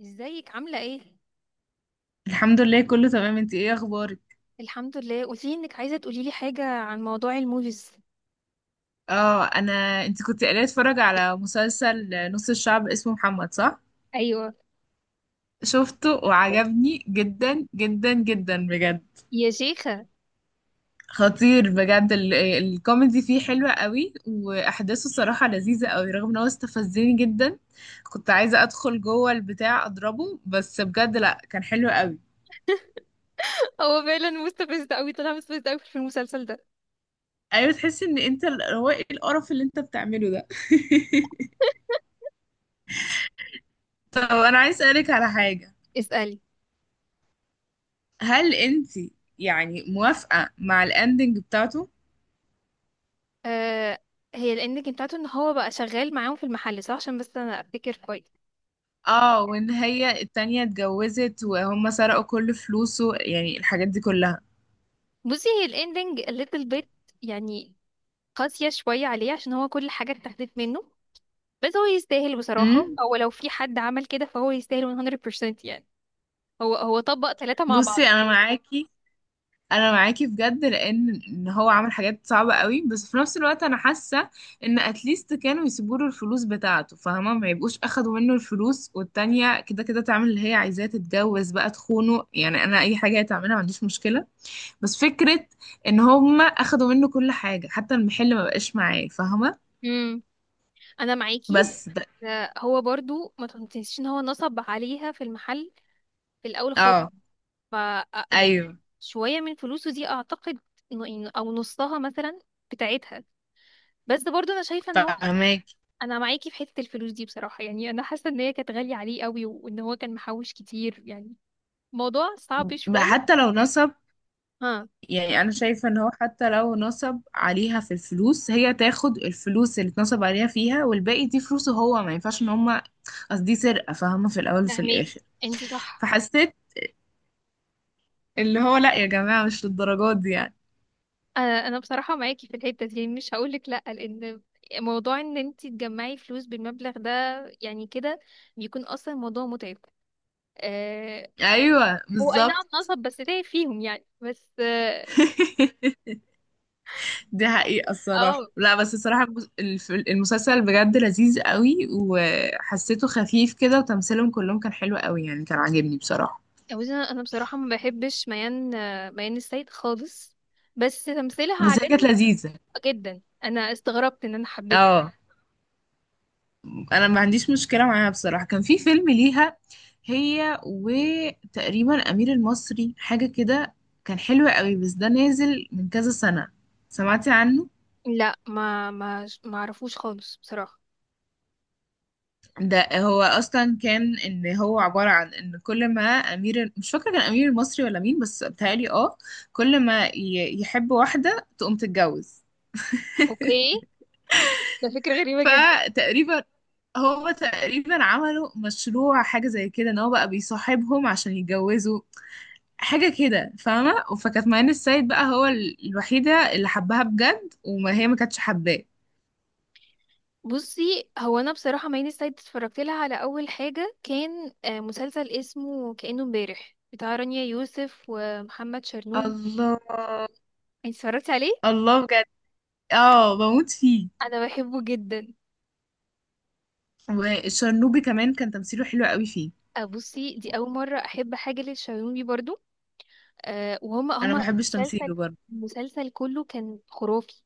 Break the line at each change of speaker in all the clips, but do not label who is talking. ازيك عاملة ايه؟
الحمد لله، كله تمام. انت ايه اخبارك؟
الحمد لله، قولي انك عايزة تقوليلي حاجة عن موضوع الموفيز.
اه، انت كنت قاعده اتفرج على مسلسل نص الشعب اسمه محمد، صح؟
ايوه.
شفته وعجبني جدا جدا جدا بجد.
يا شيخة.
خطير بجد، الكوميدي فيه حلوة قوي، واحداثه الصراحه لذيذه قوي، رغم ان هو استفزني جدا. كنت عايزه ادخل جوه البتاع اضربه، بس بجد لا، كان حلو قوي.
هو فعلا مستفز قوي، طلع مستفز قوي في المسلسل ده.
ايوه، تحس ان انت هو ايه القرف اللي انت بتعمله ده؟ طب انا عايز اسالك على حاجه.
اسألي.
هل انت يعني موافقة مع الاندنج بتاعته؟
آه. هي الاندنج بتاعته ان هو بقى شغال معاهم في المحل صح، عشان بس انا افتكر كويس.
اه، وان هي التانية اتجوزت وهم سرقوا كل فلوسه، يعني الحاجات دي كلها.
بصي، هي الاندنج الليتل بيت يعني قاسية شوية عليه عشان هو كل حاجة اتاخدت منه، بس هو يستاهل بصراحة،
امم
او لو في حد عمل كده فهو يستاهل 100% يعني. هو هو طبق ثلاثة مع بعض.
بصي، انا معاكي، انا معاكي بجد، لان ان هو عمل حاجات صعبة قوي، بس في نفس الوقت انا حاسة ان اتليست كانوا يسيبوا له الفلوس بتاعته، فاهمة؟ ما يبقوش اخدوا منه الفلوس، والتانية كده كده تعمل اللي هي عايزاه، تتجوز بقى، تخونه، يعني انا اي حاجة هتعملها ما عنديش مشكلة. بس فكرة ان هم اخدوا منه كل حاجة، حتى المحل ما بقاش معاه، فاهمة؟
انا معاكي.
بس ده
آه، هو برضو ما تنسيش ان هو نصب عليها في المحل في الاول خالص.
اه.
ف آه، يعني
ايوه،
شويه من فلوسه دي اعتقد او نصها مثلا بتاعتها. بس برضو انا شايفه ان هو،
فاهماك.
انا معاكي في حته الفلوس دي بصراحه، يعني انا حاسه ان هي كانت غاليه عليه قوي وان هو كان محوش كتير يعني. موضوع صعب شويه.
حتى لو نصب،
ها.
يعني انا شايفة ان هو حتى لو نصب عليها في الفلوس، هي تاخد الفلوس اللي اتنصب عليها فيها، والباقي دي فلوسه هو، ما ينفعش ان هم، اصل دي سرقة فاهمة، في الاول وفي
فهميكي،
الاخر.
انتي صح.
فحسيت اللي هو لا يا جماعة، مش للدرجات دي يعني.
انا بصراحه معاكي في الحته دي يعني، مش هقولك لا، لان موضوع ان انت تجمعي فلوس بالمبلغ ده يعني كده بيكون اصلا موضوع متعب. آه.
ايوه،
هو اي نعم
بالظبط.
نصب، بس تعب فيهم يعني، بس اه.
دي حقيقة الصراحة.
آه،
لا، بس الصراحة المسلسل بجد لذيذ قوي، وحسيته خفيف كده، وتمثيلهم كلهم كان حلو قوي يعني، كان عاجبني بصراحة.
بصي، انا بصراحه ما بحبش ميان، ميان السيد خالص. بس تمثيلها
بس هي كانت
عجبني
لذيذة.
جدا، انا استغربت ان انا حبيتها.
اه، انا ما عنديش مشكلة معاها بصراحة. كان في فيلم ليها، هي وتقريبا أمير المصري، حاجة كده، كان حلو قوي، بس ده نازل من كذا سنة. سمعتي عنه؟
لا، ما اعرفوش خالص بصراحه.
ده هو اصلا كان ان هو عباره عن ان كل ما امير، مش فاكره كان امير المصري ولا مين، بس بتهيألي اه، كل ما يحب واحده تقوم تتجوز.
اوكي. ده فكره غريبه جدا.
فتقريبا هو تقريبا عملوا مشروع حاجه زي كده، ان هو بقى بيصاحبهم عشان يتجوزوا، حاجه كده فاهمه؟ فكانت معين السيد بقى هو الوحيده اللي حبها بجد، وما هي ما كانتش حباه.
بصي، هو انا بصراحه مايلي سايد اتفرجت لها على اول حاجه كان مسلسل اسمه كأنه امبارح بتاع رانيا يوسف ومحمد شرنوب.
الله.
انت اتفرجتي عليه؟
الله، بجد؟ اه، بموت فيه.
انا بحبه جدا.
والشرنوبي كمان كان تمثيله حلو قوي فيه.
بصي، دي اول مره احب حاجه للشرنوبي برضو. وهم هم
انا ما بحبش
المسلسل،
تمثيله برضه،
المسلسل كله كان خرافي.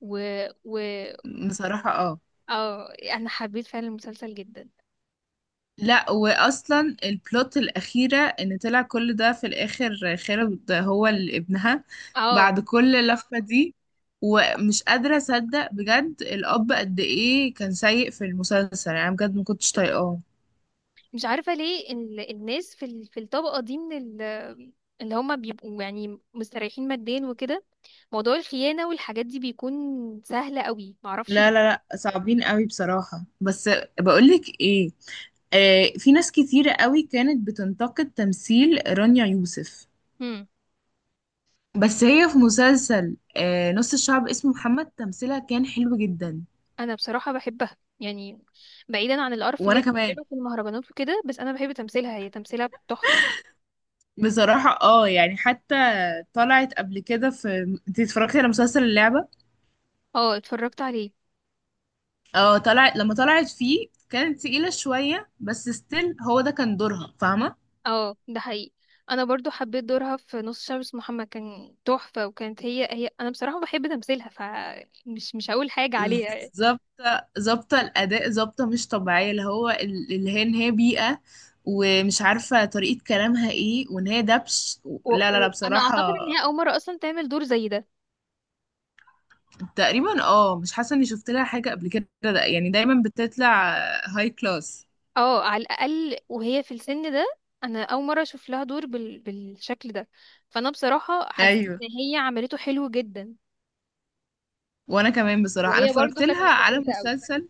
و و
بصراحة اه.
اه انا حبيت فعلا المسلسل جدا.
لا، واصلا البلوت الاخيرة، ان طلع كل ده في الاخر، خالد هو اللي ابنها،
اه.
بعد كل اللفة دي. ومش قادرة اصدق بجد، الاب قد ايه كان سيء في المسلسل يعني، أنا بجد ما كنتش طايقاه.
مش عارفه ليه الناس في في الطبقه دي من اللي هم بيبقوا يعني مستريحين ماديا وكده موضوع الخيانة والحاجات دي بيكون سهلة قوي، معرفش
لا لا
ليه.
لا، صعبين قوي بصراحة. بس بقولك ايه، آه في ناس كتيرة قوي كانت بتنتقد تمثيل رانيا يوسف،
مم.
بس هي في مسلسل نص الشعب اسمه محمد، تمثيلها كان حلو جدا.
انا بصراحة بحبها يعني، بعيدا عن القرف
وانا
اللي
كمان
بيعمله في المهرجانات وكده، بس انا بحب تمثيلها، هي تمثيلها تحفة.
بصراحة اه، يعني حتى طلعت قبل كده في، انت اتفرجتي على مسلسل اللعبة؟
اه، اتفرجت عليه.
اه، طلعت، لما طلعت فيه كانت تقيلة شوية، بس ستيل هو ده كان دورها، فاهمة؟
اه ده حقيقي. انا برضو حبيت دورها في نص شعب اسمه محمد، كان تحفة، وكانت هي هي، انا بصراحة بحب تمثيلها، فمش مش هقول حاجة عليها.
ظابط، ظابطة الأداء، ظابطة مش طبيعية، اللي هو اللي هي ان هي بيئة، ومش عارفة طريقة كلامها ايه، وان هي دبش و- لا لا لا
وانا
بصراحة.
اعتقد ان هي اول مرة اصلا تعمل دور زي ده.
تقريبا اه، مش حاسه اني شفت لها حاجه قبل كده، ده يعني دايما بتطلع هاي كلاس.
اه، على الاقل وهي في السن ده. انا اول مره اشوف لها دور بال... بالشكل ده. فانا بصراحه حسيت ان
ايوه،
هي عملته حلو جدا.
وانا كمان بصراحه. انا
وهي برضو
اتفرجت
كانت
لها على
مستفزه قوي.
مسلسل،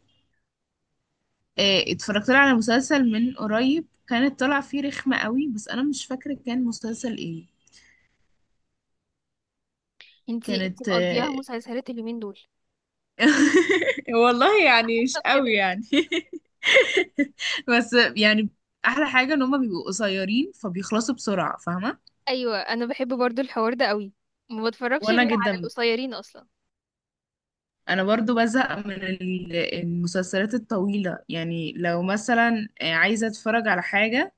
اتفرجت لها على مسلسل من قريب، كانت طالعه فيه رخمه قوي، بس انا مش فاكره كان مسلسل ايه.
انتي
كانت
مقضياها
آه،
مسلسلات اليومين دول.
والله يعني مش
طب
قوي
كده.
يعني. بس يعني، احلى حاجه ان هما بيبقوا قصيرين فبيخلصوا بسرعه، فاهمه؟
ايوه، انا بحب برضو الحوار ده قوي. ما بتفرجش
وانا
غير على
جدا،
القصيرين اصلا.
انا برضو بزهق من المسلسلات الطويلة يعني. لو مثلا عايزة اتفرج على حاجة،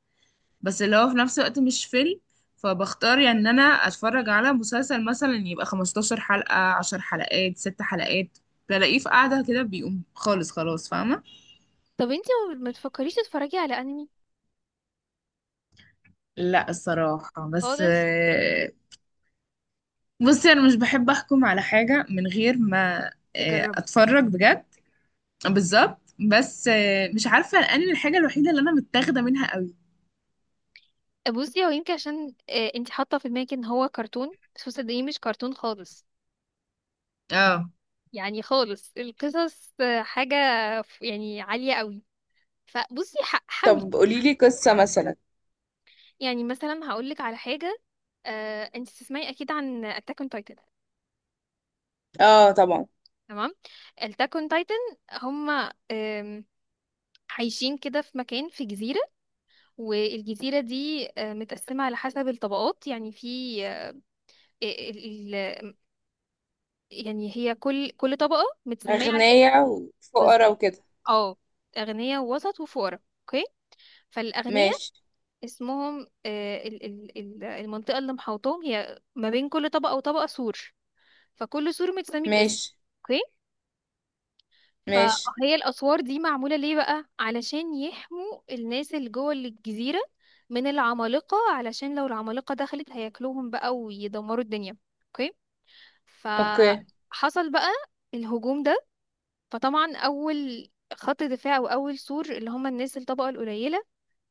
بس اللي هو في نفس الوقت مش فيلم، فبختار يعني ان انا اتفرج على مسلسل، مثلا يبقى 15 حلقة، 10 حلقات، 6 حلقات، بلاقيه في قعدة كده بيقوم خالص، خلاص، فاهمة؟
طب انتي ما تفكريش تتفرجي على انمي
لا الصراحة، بس
خالص؟
بصي انا مش بحب احكم على حاجة من غير ما
تجربي.
اتفرج بجد. بالظبط. بس مش عارفة الانمي الحاجة الوحيدة اللي انا متاخدة منها قوي،
بصي، هو يمكن عشان انتي حاطه في دماغك ان هو كرتون، بس هو صدقيني مش كرتون خالص،
اه.
يعني خالص. القصص حاجة يعني عالية قوي. فبصي، حاولي.
طب قولي لي قصة مثلا.
يعني مثلا هقولك على حاجة. انت تسمعي اكيد عن اتاك اون تايتن.
اه طبعا.
تمام. اتاك اون تايتن، هما عايشين كده في مكان في جزيرة، والجزيرة دي متقسمة على حسب الطبقات. يعني في آه، ال- ال- يعني هي كل طبقة متسمية على اسم.
أغنياء وفقراء
بالظبط.
وكده.
اه. أغنياء ووسط وفقراء، اوكي. فالأغنياء
ماشي.
اسمهم المنطقة اللي محاوطاهم، هي ما بين كل طبقة وطبقة سور، فكل سور متسمي باسم.
ماشي.
اوكي.
ماشي.
فهي الأسوار دي معمولة ليه بقى علشان يحموا الناس اللي جوه الجزيرة من العمالقة، علشان لو العمالقة دخلت هياكلوهم بقى ويدمروا الدنيا. اوكي.
اوكي.
فحصل بقى الهجوم ده. فطبعا أول خط دفاع وأول سور، اللي هم الناس الطبقة القليلة،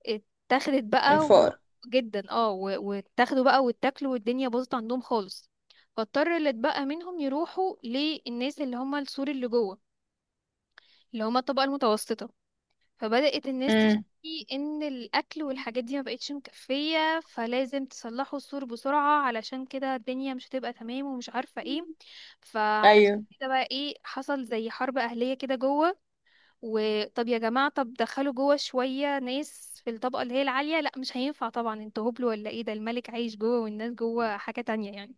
اتاخدت بقى و...
الفقراء.
جدا اه واتاخدوا بقى واتاكلوا والدنيا باظت عندهم خالص. فاضطر اللي اتبقى منهم يروحوا للناس اللي هم السور اللي جوه، اللي هم الطبقة المتوسطة. فبدأت الناس
امم.
تشتكي ان الاكل والحاجات دي ما بقتش مكفية، فلازم تصلحوا السور بسرعة، علشان كده الدنيا مش هتبقى تمام ومش عارفة ايه. فعلشان
ايوه.
كده بقى ايه، حصل زي حرب اهلية كده جوه. وطب يا جماعة، طب دخلوا جوه شوية ناس في الطبقة اللي هي العالية. لا، مش هينفع طبعا، انتوا هبل ولا ايه؟ ده الملك عايش جوه والناس جوه حاجة تانية يعني.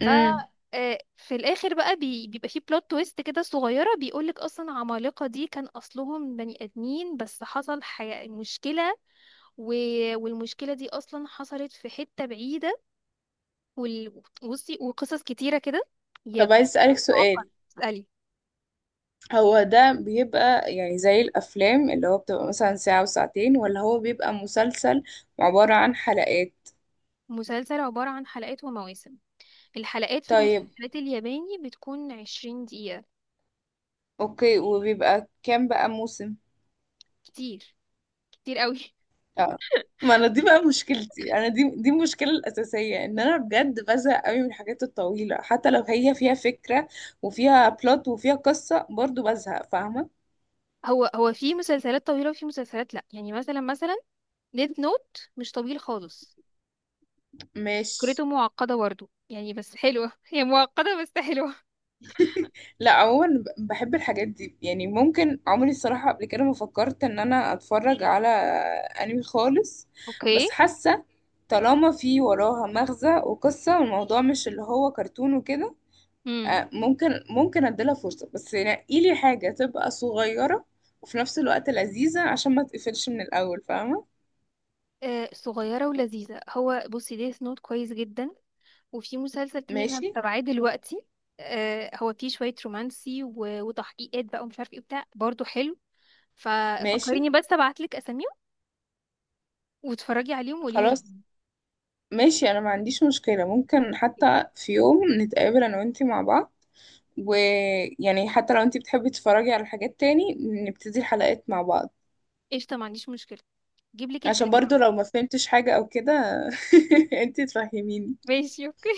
ف
امم.
آه، في الاخر بقى بيبقى فيه بلوت تويست كده صغيرة، بيقولك اصلا عمالقة دي كان اصلهم بني ادمين، بس حصل مشكلة، و... والمشكلة دي اصلا حصلت في حتة بعيدة. وال... بصي، وقصص كتيرة كده. يا.
طب عايز أسألك
معقد،
سؤال،
اسألي.
هو ده بيبقى يعني زي الأفلام اللي هو بتبقى مثلا ساعة وساعتين، ولا هو بيبقى مسلسل عبارة عن حلقات؟
مسلسل عبارة عن حلقات ومواسم، الحلقات في
طيب،
المسلسلات الياباني بتكون 20 دقيقة.
اوكي. وبيبقى كام بقى موسم؟
كتير، كتير قوي
اه، ما انا دي بقى مشكلتي، انا دي المشكله الاساسيه، ان انا بجد بزهق قوي من الحاجات الطويله، حتى لو هي فيها فكره، وفيها بلوت، وفيها قصه، برضو بزهق، فاهمه؟
هو هو في مسلسلات طويلة وفي مسلسلات لأ. يعني مثلا ديد نوت مش طويل خالص،
مش
فكرته معقدة برضه يعني بس حلوة هي معقدة بس حلوة.
لا، عموما بحب الحاجات دي يعني. ممكن عمري الصراحه قبل كده ما فكرت ان انا اتفرج على انمي خالص،
اوكي.
بس حاسه، طالما في وراها مغزى وقصه، والموضوع مش اللي هو كرتون وكده،
امم.
ممكن، ممكن اديلها فرصة، بس نقي لي حاجة تبقى صغيرة وفي نفس الوقت لذيذة، عشان ما تقفلش من الأول، فاهمة؟
آه، صغيرة ولذيذة. هو بصي ديث نوت كويس جدا، وفي مسلسل تاني انا
ماشي.
متابعاه دلوقتي، هو فيه شوية رومانسي وتحقيقات بقى ومش عارف ايه بتاع، برضه حلو.
ماشي.
ففكريني بس ابعتلك اساميهم واتفرجي عليهم وقولي.
خلاص ماشي. أنا ما عنديش مشكلة، ممكن حتى في يوم نتقابل أنا وأنتي مع بعض، ويعني حتى لو أنتي بتحبي تتفرجي على حاجات تاني، نبتدي الحلقات مع بعض،
قشطة، ما عنديش مشكلة. جيب لك
عشان
الفلفل.
برضو لو ما فهمتش حاجة أو كده، أنتي تفهميني.
ماشي، اوكي.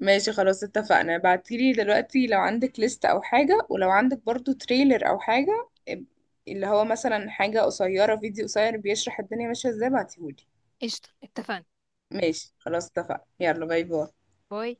ماشي خلاص، اتفقنا. ابعتيلي دلوقتي لو عندك ليست او حاجة، ولو عندك برضو تريلر او حاجة اللي هو مثلا حاجة قصيرة، فيديو قصير بيشرح الدنيا ماشية ازاي، بعتيهولي.
قشطة اتفقنا.
ماشي خلاص، اتفقنا، يلا باي باي.
باي.